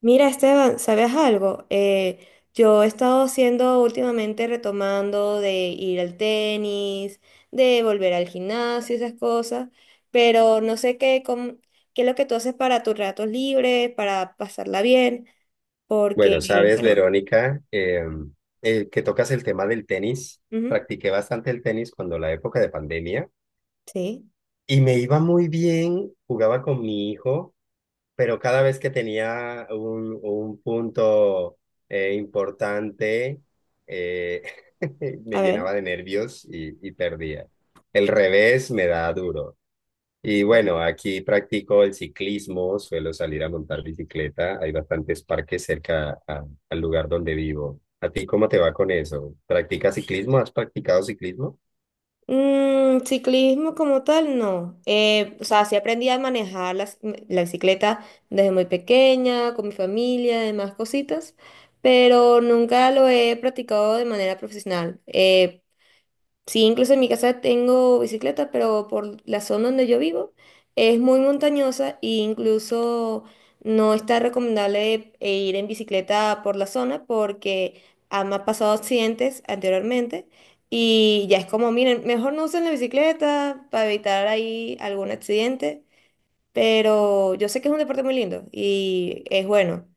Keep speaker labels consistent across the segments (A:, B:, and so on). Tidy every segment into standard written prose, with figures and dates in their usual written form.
A: Mira, Esteban, ¿sabes algo? Yo he estado haciendo últimamente retomando de ir al tenis, de volver al gimnasio, esas cosas, pero no sé qué, qué es lo que tú haces para tus ratos libres, para pasarla bien, porque,
B: Bueno, sabes,
A: bueno,
B: Verónica, que tocas el tema del tenis.
A: ujú,
B: Practiqué bastante el tenis cuando la época de pandemia
A: sí,
B: y me iba muy bien, jugaba con mi hijo, pero cada vez que tenía un punto importante, eh, me
A: a
B: llenaba
A: ver.
B: de nervios y perdía. El revés me da duro. Y bueno, aquí practico el ciclismo, suelo salir a montar bicicleta. Hay bastantes parques cerca al lugar donde vivo. ¿A ti cómo te va con eso? ¿Practicas ciclismo? ¿Has practicado ciclismo?
A: Mm, ciclismo como tal, no. O sea, sí aprendí a manejar la bicicleta desde muy pequeña, con mi familia, demás cositas, pero nunca lo he practicado de manera profesional. Sí, incluso en mi casa tengo bicicleta, pero por la zona donde yo vivo es muy montañosa e incluso no está recomendable ir en bicicleta por la zona porque me han pasado accidentes anteriormente y ya es como, miren, mejor no usen la bicicleta para evitar ahí algún accidente, pero yo sé que es un deporte muy lindo y es bueno.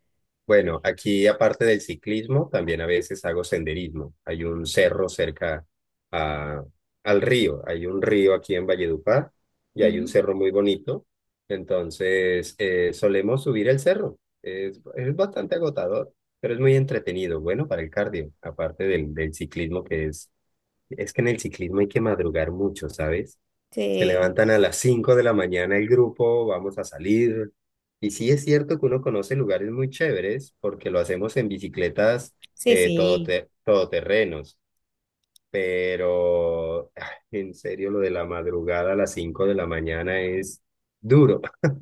B: Bueno, aquí aparte del ciclismo, también a veces hago senderismo. Hay un cerro cerca a- al río. Hay un río aquí en Valledupar y hay un
A: Ujú.
B: cerro muy bonito. Entonces, solemos subir el cerro. Es bastante agotador, pero es muy entretenido. Bueno, para el cardio, aparte del ciclismo que es que en el ciclismo hay que madrugar mucho, ¿sabes? Se
A: Sí,
B: levantan a las 5 de la mañana el grupo, vamos a salir. Y sí es cierto que uno conoce lugares muy chéveres porque lo hacemos en bicicletas
A: sí, sí.
B: todoterrenos, pero en serio lo de la madrugada a las 5 de la mañana es duro.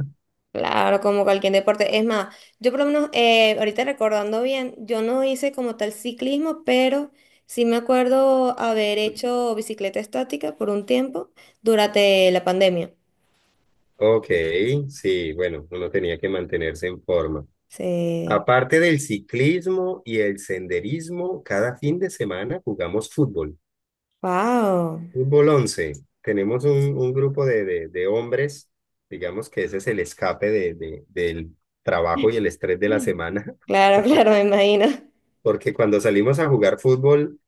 A: Claro, como cualquier deporte. Es más, yo por lo menos, ahorita recordando bien, yo no hice como tal ciclismo, pero sí me acuerdo haber hecho bicicleta estática por un tiempo durante la pandemia.
B: Ok, sí, bueno, uno tenía que mantenerse en forma.
A: Sí.
B: Aparte del ciclismo y el senderismo, cada fin de semana jugamos fútbol.
A: Wow.
B: Fútbol 11. Tenemos un grupo de hombres, digamos que ese es el escape del trabajo y el estrés de la semana.
A: Claro, claro, me imagino.
B: Porque cuando salimos a jugar fútbol,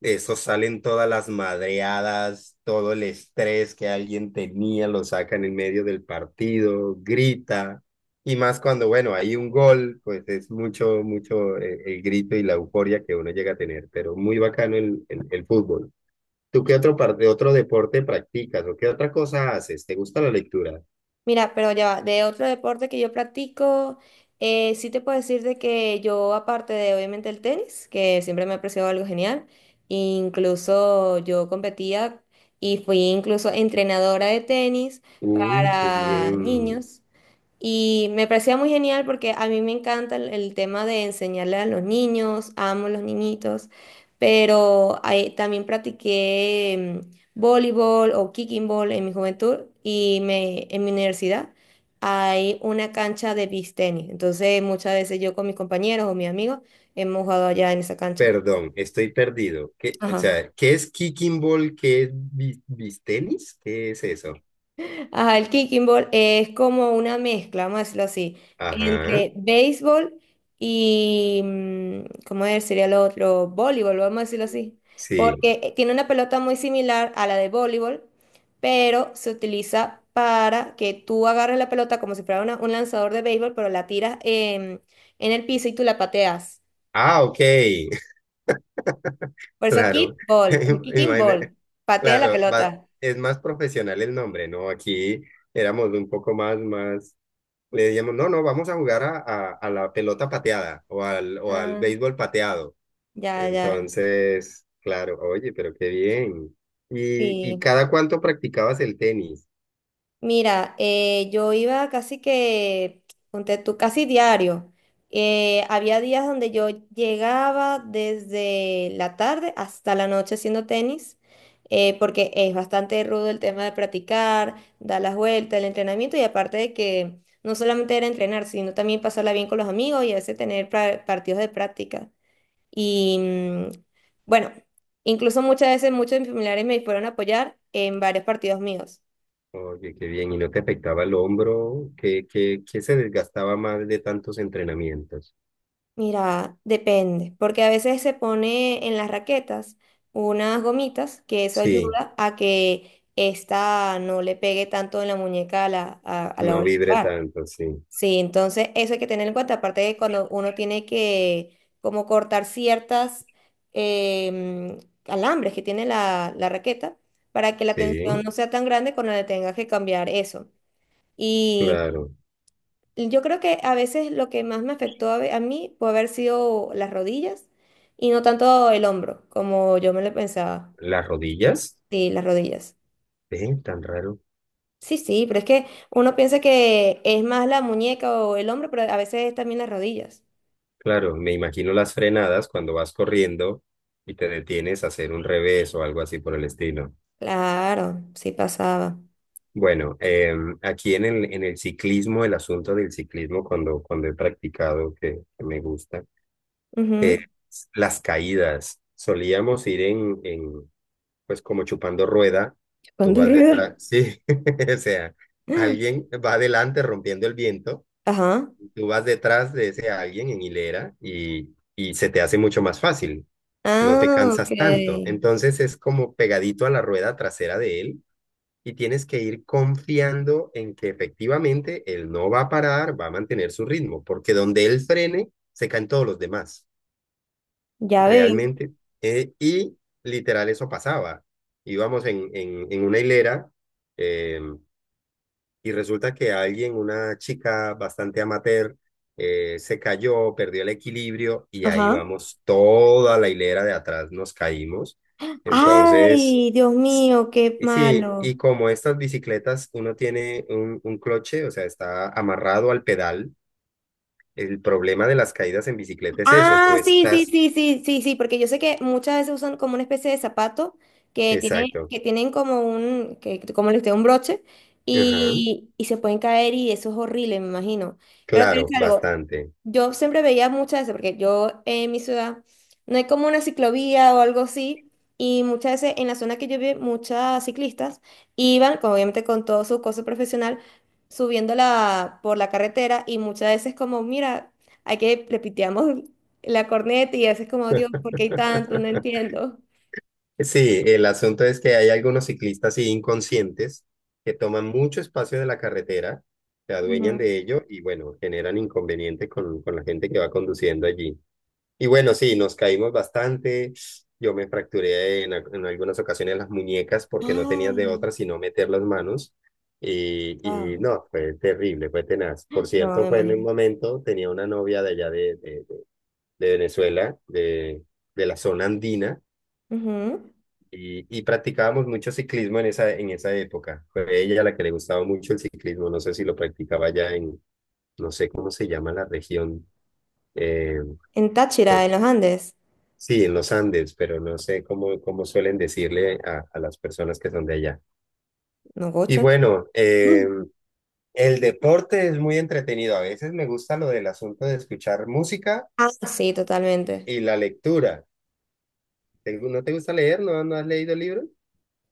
B: eso salen todas las madreadas, todo el estrés que alguien tenía, lo sacan en medio del partido, grita, y más cuando, bueno, hay un gol, pues es mucho, mucho grito y la euforia que uno llega a tener, pero muy bacano el fútbol. ¿Tú qué otro, de otro deporte practicas o qué otra cosa haces? ¿Te gusta la lectura?
A: Mira, pero ya va, de otro deporte que yo practico, sí te puedo decir de que yo, aparte de obviamente el tenis, que siempre me ha parecido algo genial, incluso yo competía y fui incluso entrenadora de tenis
B: Uy, qué
A: para
B: bien.
A: niños. Y me parecía muy genial porque a mí me encanta el tema de enseñarle a los niños, amo los niñitos, pero ahí también practiqué mm, voleibol o kicking ball en mi juventud y me, en mi universidad hay una cancha de beach tenis. Entonces muchas veces yo con mis compañeros o mis amigos hemos jugado allá en esa cancha.
B: Perdón, estoy perdido. ¿Qué, o
A: Ajá.
B: sea, qué es kicking ball? ¿Qué es bistenis? ¿Qué es eso?
A: Ajá, el kicking ball es como una mezcla, vamos a decirlo así,
B: Ajá,
A: entre béisbol y, mm, ¿cómo es? ¿Sería lo otro? Voleibol, vamos a decirlo así,
B: sí.
A: porque tiene una pelota muy similar a la de voleibol, pero se utiliza para que tú agarres la pelota como si fuera un lanzador de béisbol, pero la tiras en el piso y tú la pateas.
B: Ah, ok.
A: Por eso
B: Claro.
A: kickball, kicking
B: Imagina-
A: ball, patea la
B: claro,
A: pelota.
B: es más profesional el nombre, ¿no? Aquí éramos un poco más, más. Le decíamos, no, no, vamos a jugar a la pelota pateada o al
A: Ah,
B: béisbol pateado.
A: ya, ya,
B: Entonces, claro, oye, pero qué bien. Y
A: sí.
B: cada cuánto practicabas el tenis?
A: Mira, yo iba casi que, ponte tú, casi diario. Había días donde yo llegaba desde la tarde hasta la noche haciendo tenis, porque es bastante rudo el tema de practicar, dar las vueltas, el entrenamiento y aparte de que no solamente era entrenar, sino también pasarla bien con los amigos y a veces tener partidos de práctica. Y mm, bueno, incluso muchas veces muchos de mis familiares me fueron a apoyar en varios partidos míos.
B: Oye, qué bien. ¿Y no te afectaba el hombro? ¿Qué, qué, qué se desgastaba más de tantos entrenamientos?
A: Mira, depende, porque a veces se pone en las raquetas unas gomitas que eso
B: Sí,
A: ayuda a que esta no le pegue tanto en la muñeca a la
B: no
A: hora de
B: vibre
A: jugar.
B: tanto, sí.
A: Sí, entonces eso hay que tener en cuenta, aparte de cuando uno tiene que como cortar ciertas em, alambres que tiene la raqueta para que la
B: Sí,
A: tensión no sea tan grande cuando le tengas que cambiar eso.
B: claro.
A: Yo creo que a veces lo que más me afectó a mí puede haber sido las rodillas y no tanto el hombro, como yo me lo pensaba.
B: ¿Las rodillas?
A: Sí, las rodillas.
B: Tan raro.
A: Sí, sí, pero es que uno piensa que es más la muñeca o el hombro, pero a veces es también las rodillas.
B: Claro, me imagino las frenadas cuando vas corriendo y te detienes a hacer un revés o algo así por el estilo.
A: Claro, sí pasaba.
B: Bueno, aquí en el ciclismo, el asunto del ciclismo, cuando he practicado, que me gusta,
A: Ujú.
B: eh, las caídas. Solíamos ir pues como chupando rueda, tú
A: Cuando
B: vas
A: rueda.
B: detrás, sí, o sea, alguien va adelante rompiendo el viento,
A: Ajá.
B: tú vas detrás de ese alguien en hilera y se te hace mucho más fácil, no te
A: Ah,
B: cansas tanto.
A: ok.
B: Entonces es como pegadito a la rueda trasera de él y tienes que ir confiando en que efectivamente él no va a parar, va a mantener su ritmo, porque donde él frene, se caen todos los demás,
A: Ya veo.
B: realmente. Eh, y literal eso pasaba. Íbamos en una hilera eh, y resulta que alguien, una chica bastante amateur, se cayó, perdió el equilibrio y ahí
A: Ajá.
B: vamos toda la hilera de atrás, nos caímos. Entonces
A: Ay, Dios mío, qué
B: sí,
A: malo.
B: y como estas bicicletas, uno tiene un cloche, o sea, está amarrado al pedal. El problema de las caídas en bicicleta es eso, tú
A: Ah, sí, sí,
B: estás...
A: sí, sí, sí, sí, porque yo sé que muchas veces usan como una especie de zapato que tiene,
B: Exacto.
A: que tienen como un, que, como les digo, un broche
B: Ajá.
A: y se pueden caer y eso es horrible, me imagino. Pero te digo
B: Claro,
A: algo,
B: bastante.
A: yo siempre veía muchas veces, porque yo en mi ciudad no hay como una ciclovía o algo así, y muchas veces en la zona que yo vi, muchas ciclistas iban, como obviamente con todo su coso profesional, subiéndola por la carretera y muchas veces como, mira, hay que, le piteamos la corneta y haces como, Dios, ¿por qué hay tanto? No entiendo.
B: Sí, el asunto es que hay algunos ciclistas sí, inconscientes que toman mucho espacio de la carretera, se
A: Ujú.
B: adueñan de ello y bueno, generan inconveniente con la gente que va conduciendo allí. Y bueno, sí, nos caímos bastante. Yo me fracturé en algunas ocasiones las muñecas porque no tenías de
A: Ay,
B: otra sino meter las manos.
A: wow.
B: No, fue terrible, fue tenaz. Por
A: No, me
B: cierto, fue en un
A: imagino.
B: momento, tenía una novia de allá de Venezuela, de la zona andina,
A: Ujú.
B: y practicábamos mucho ciclismo en esa época. Fue ella la que le gustaba mucho el ciclismo, no sé si lo practicaba no sé cómo se llama la región, eh,
A: En Táchira, en los Andes,
B: sí, en los Andes, pero no sé cómo, cómo suelen decirle a las personas que son de allá.
A: no
B: Y
A: gochas.
B: bueno,
A: Mm.
B: el deporte es muy entretenido. A veces me gusta lo del asunto de escuchar música
A: Ah, sí, totalmente.
B: y la lectura. ¿No te gusta leer? ¿No, no has leído libros?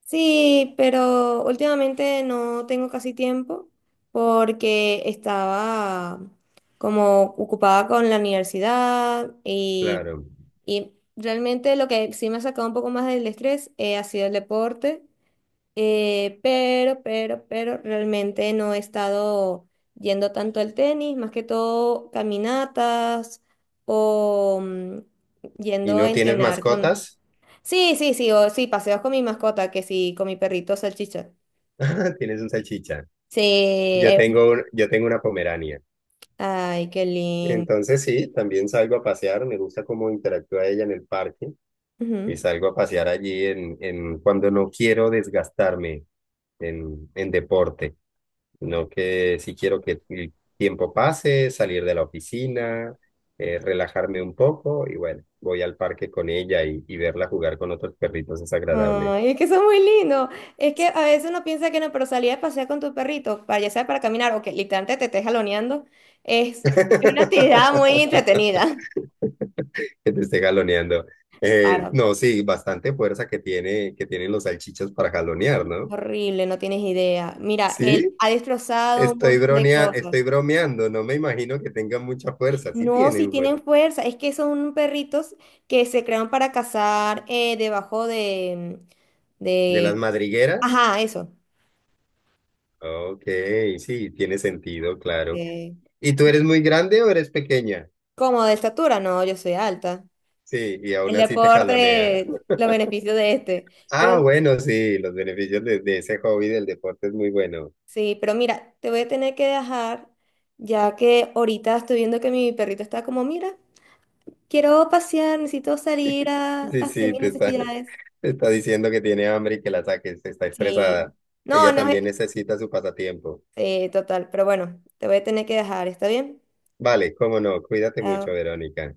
A: Sí, pero últimamente no tengo casi tiempo porque estaba como ocupada con la universidad
B: Claro.
A: y realmente lo que sí me ha sacado un poco más del estrés ha sido el deporte. Pero realmente no he estado yendo tanto al tenis, más que todo caminatas o mm,
B: ¿Y
A: yendo a
B: no tienes
A: entrenar con...
B: mascotas?
A: Sí, sí, sí, o sí, paseos con mi mascota, que sí, con mi perrito salchicha.
B: Tienes un salchicha.
A: Sí,
B: Yo tengo, yo tengo una pomerania.
A: ay, qué lindo.
B: Entonces sí, también salgo a pasear. Me gusta cómo interactúa ella en el parque y
A: Ujú.
B: salgo a pasear allí en cuando no quiero desgastarme en deporte, sino que si quiero que el tiempo pase, salir de la oficina, relajarme un poco y bueno, voy al parque con ella verla jugar con otros perritos es agradable.
A: Ay, es que son muy lindos. Es que a veces uno piensa que no, pero salir a pasear con tu perrito, para, ya sea para caminar o que literalmente te estés jaloneando, es es una actividad muy entretenida.
B: Que te esté jaloneando.
A: Claro.
B: No, sí, bastante fuerza que tiene, que tienen los salchichas para jalonear, ¿no?
A: Horrible, no tienes idea. Mira, él
B: Sí,
A: ha destrozado un
B: estoy
A: montón de
B: bronea, estoy
A: cosas.
B: bromeando, no me imagino que tengan mucha fuerza, sí
A: No, si
B: tienen, fuer-
A: tienen fuerza, es que son perritos que se crean para cazar debajo
B: De las
A: de...
B: madrigueras,
A: Ajá, eso.
B: ok, sí, tiene sentido, claro.
A: Eh,
B: ¿Y tú eres muy grande o eres pequeña?
A: como de estatura, no, yo soy alta.
B: Sí, y aún
A: El
B: así te jalonea.
A: deporte, los beneficios de este. Pero
B: Ah, bueno, sí, los beneficios de ese hobby del deporte es muy bueno.
A: sí, pero mira, te voy a tener que dejar, ya que ahorita estoy viendo que mi perrito está como, mira, quiero pasear, necesito salir a
B: Sí,
A: hacer
B: sí,
A: mis
B: te está,
A: necesidades.
B: te está diciendo que tiene hambre y que la saques, está
A: Sí.
B: estresada.
A: No,
B: Ella
A: no es...
B: también necesita su pasatiempo.
A: Sí, total. Pero bueno, te voy a tener que dejar. ¿Está bien?
B: Vale, cómo no, cuídate
A: Chao.
B: mucho, Verónica.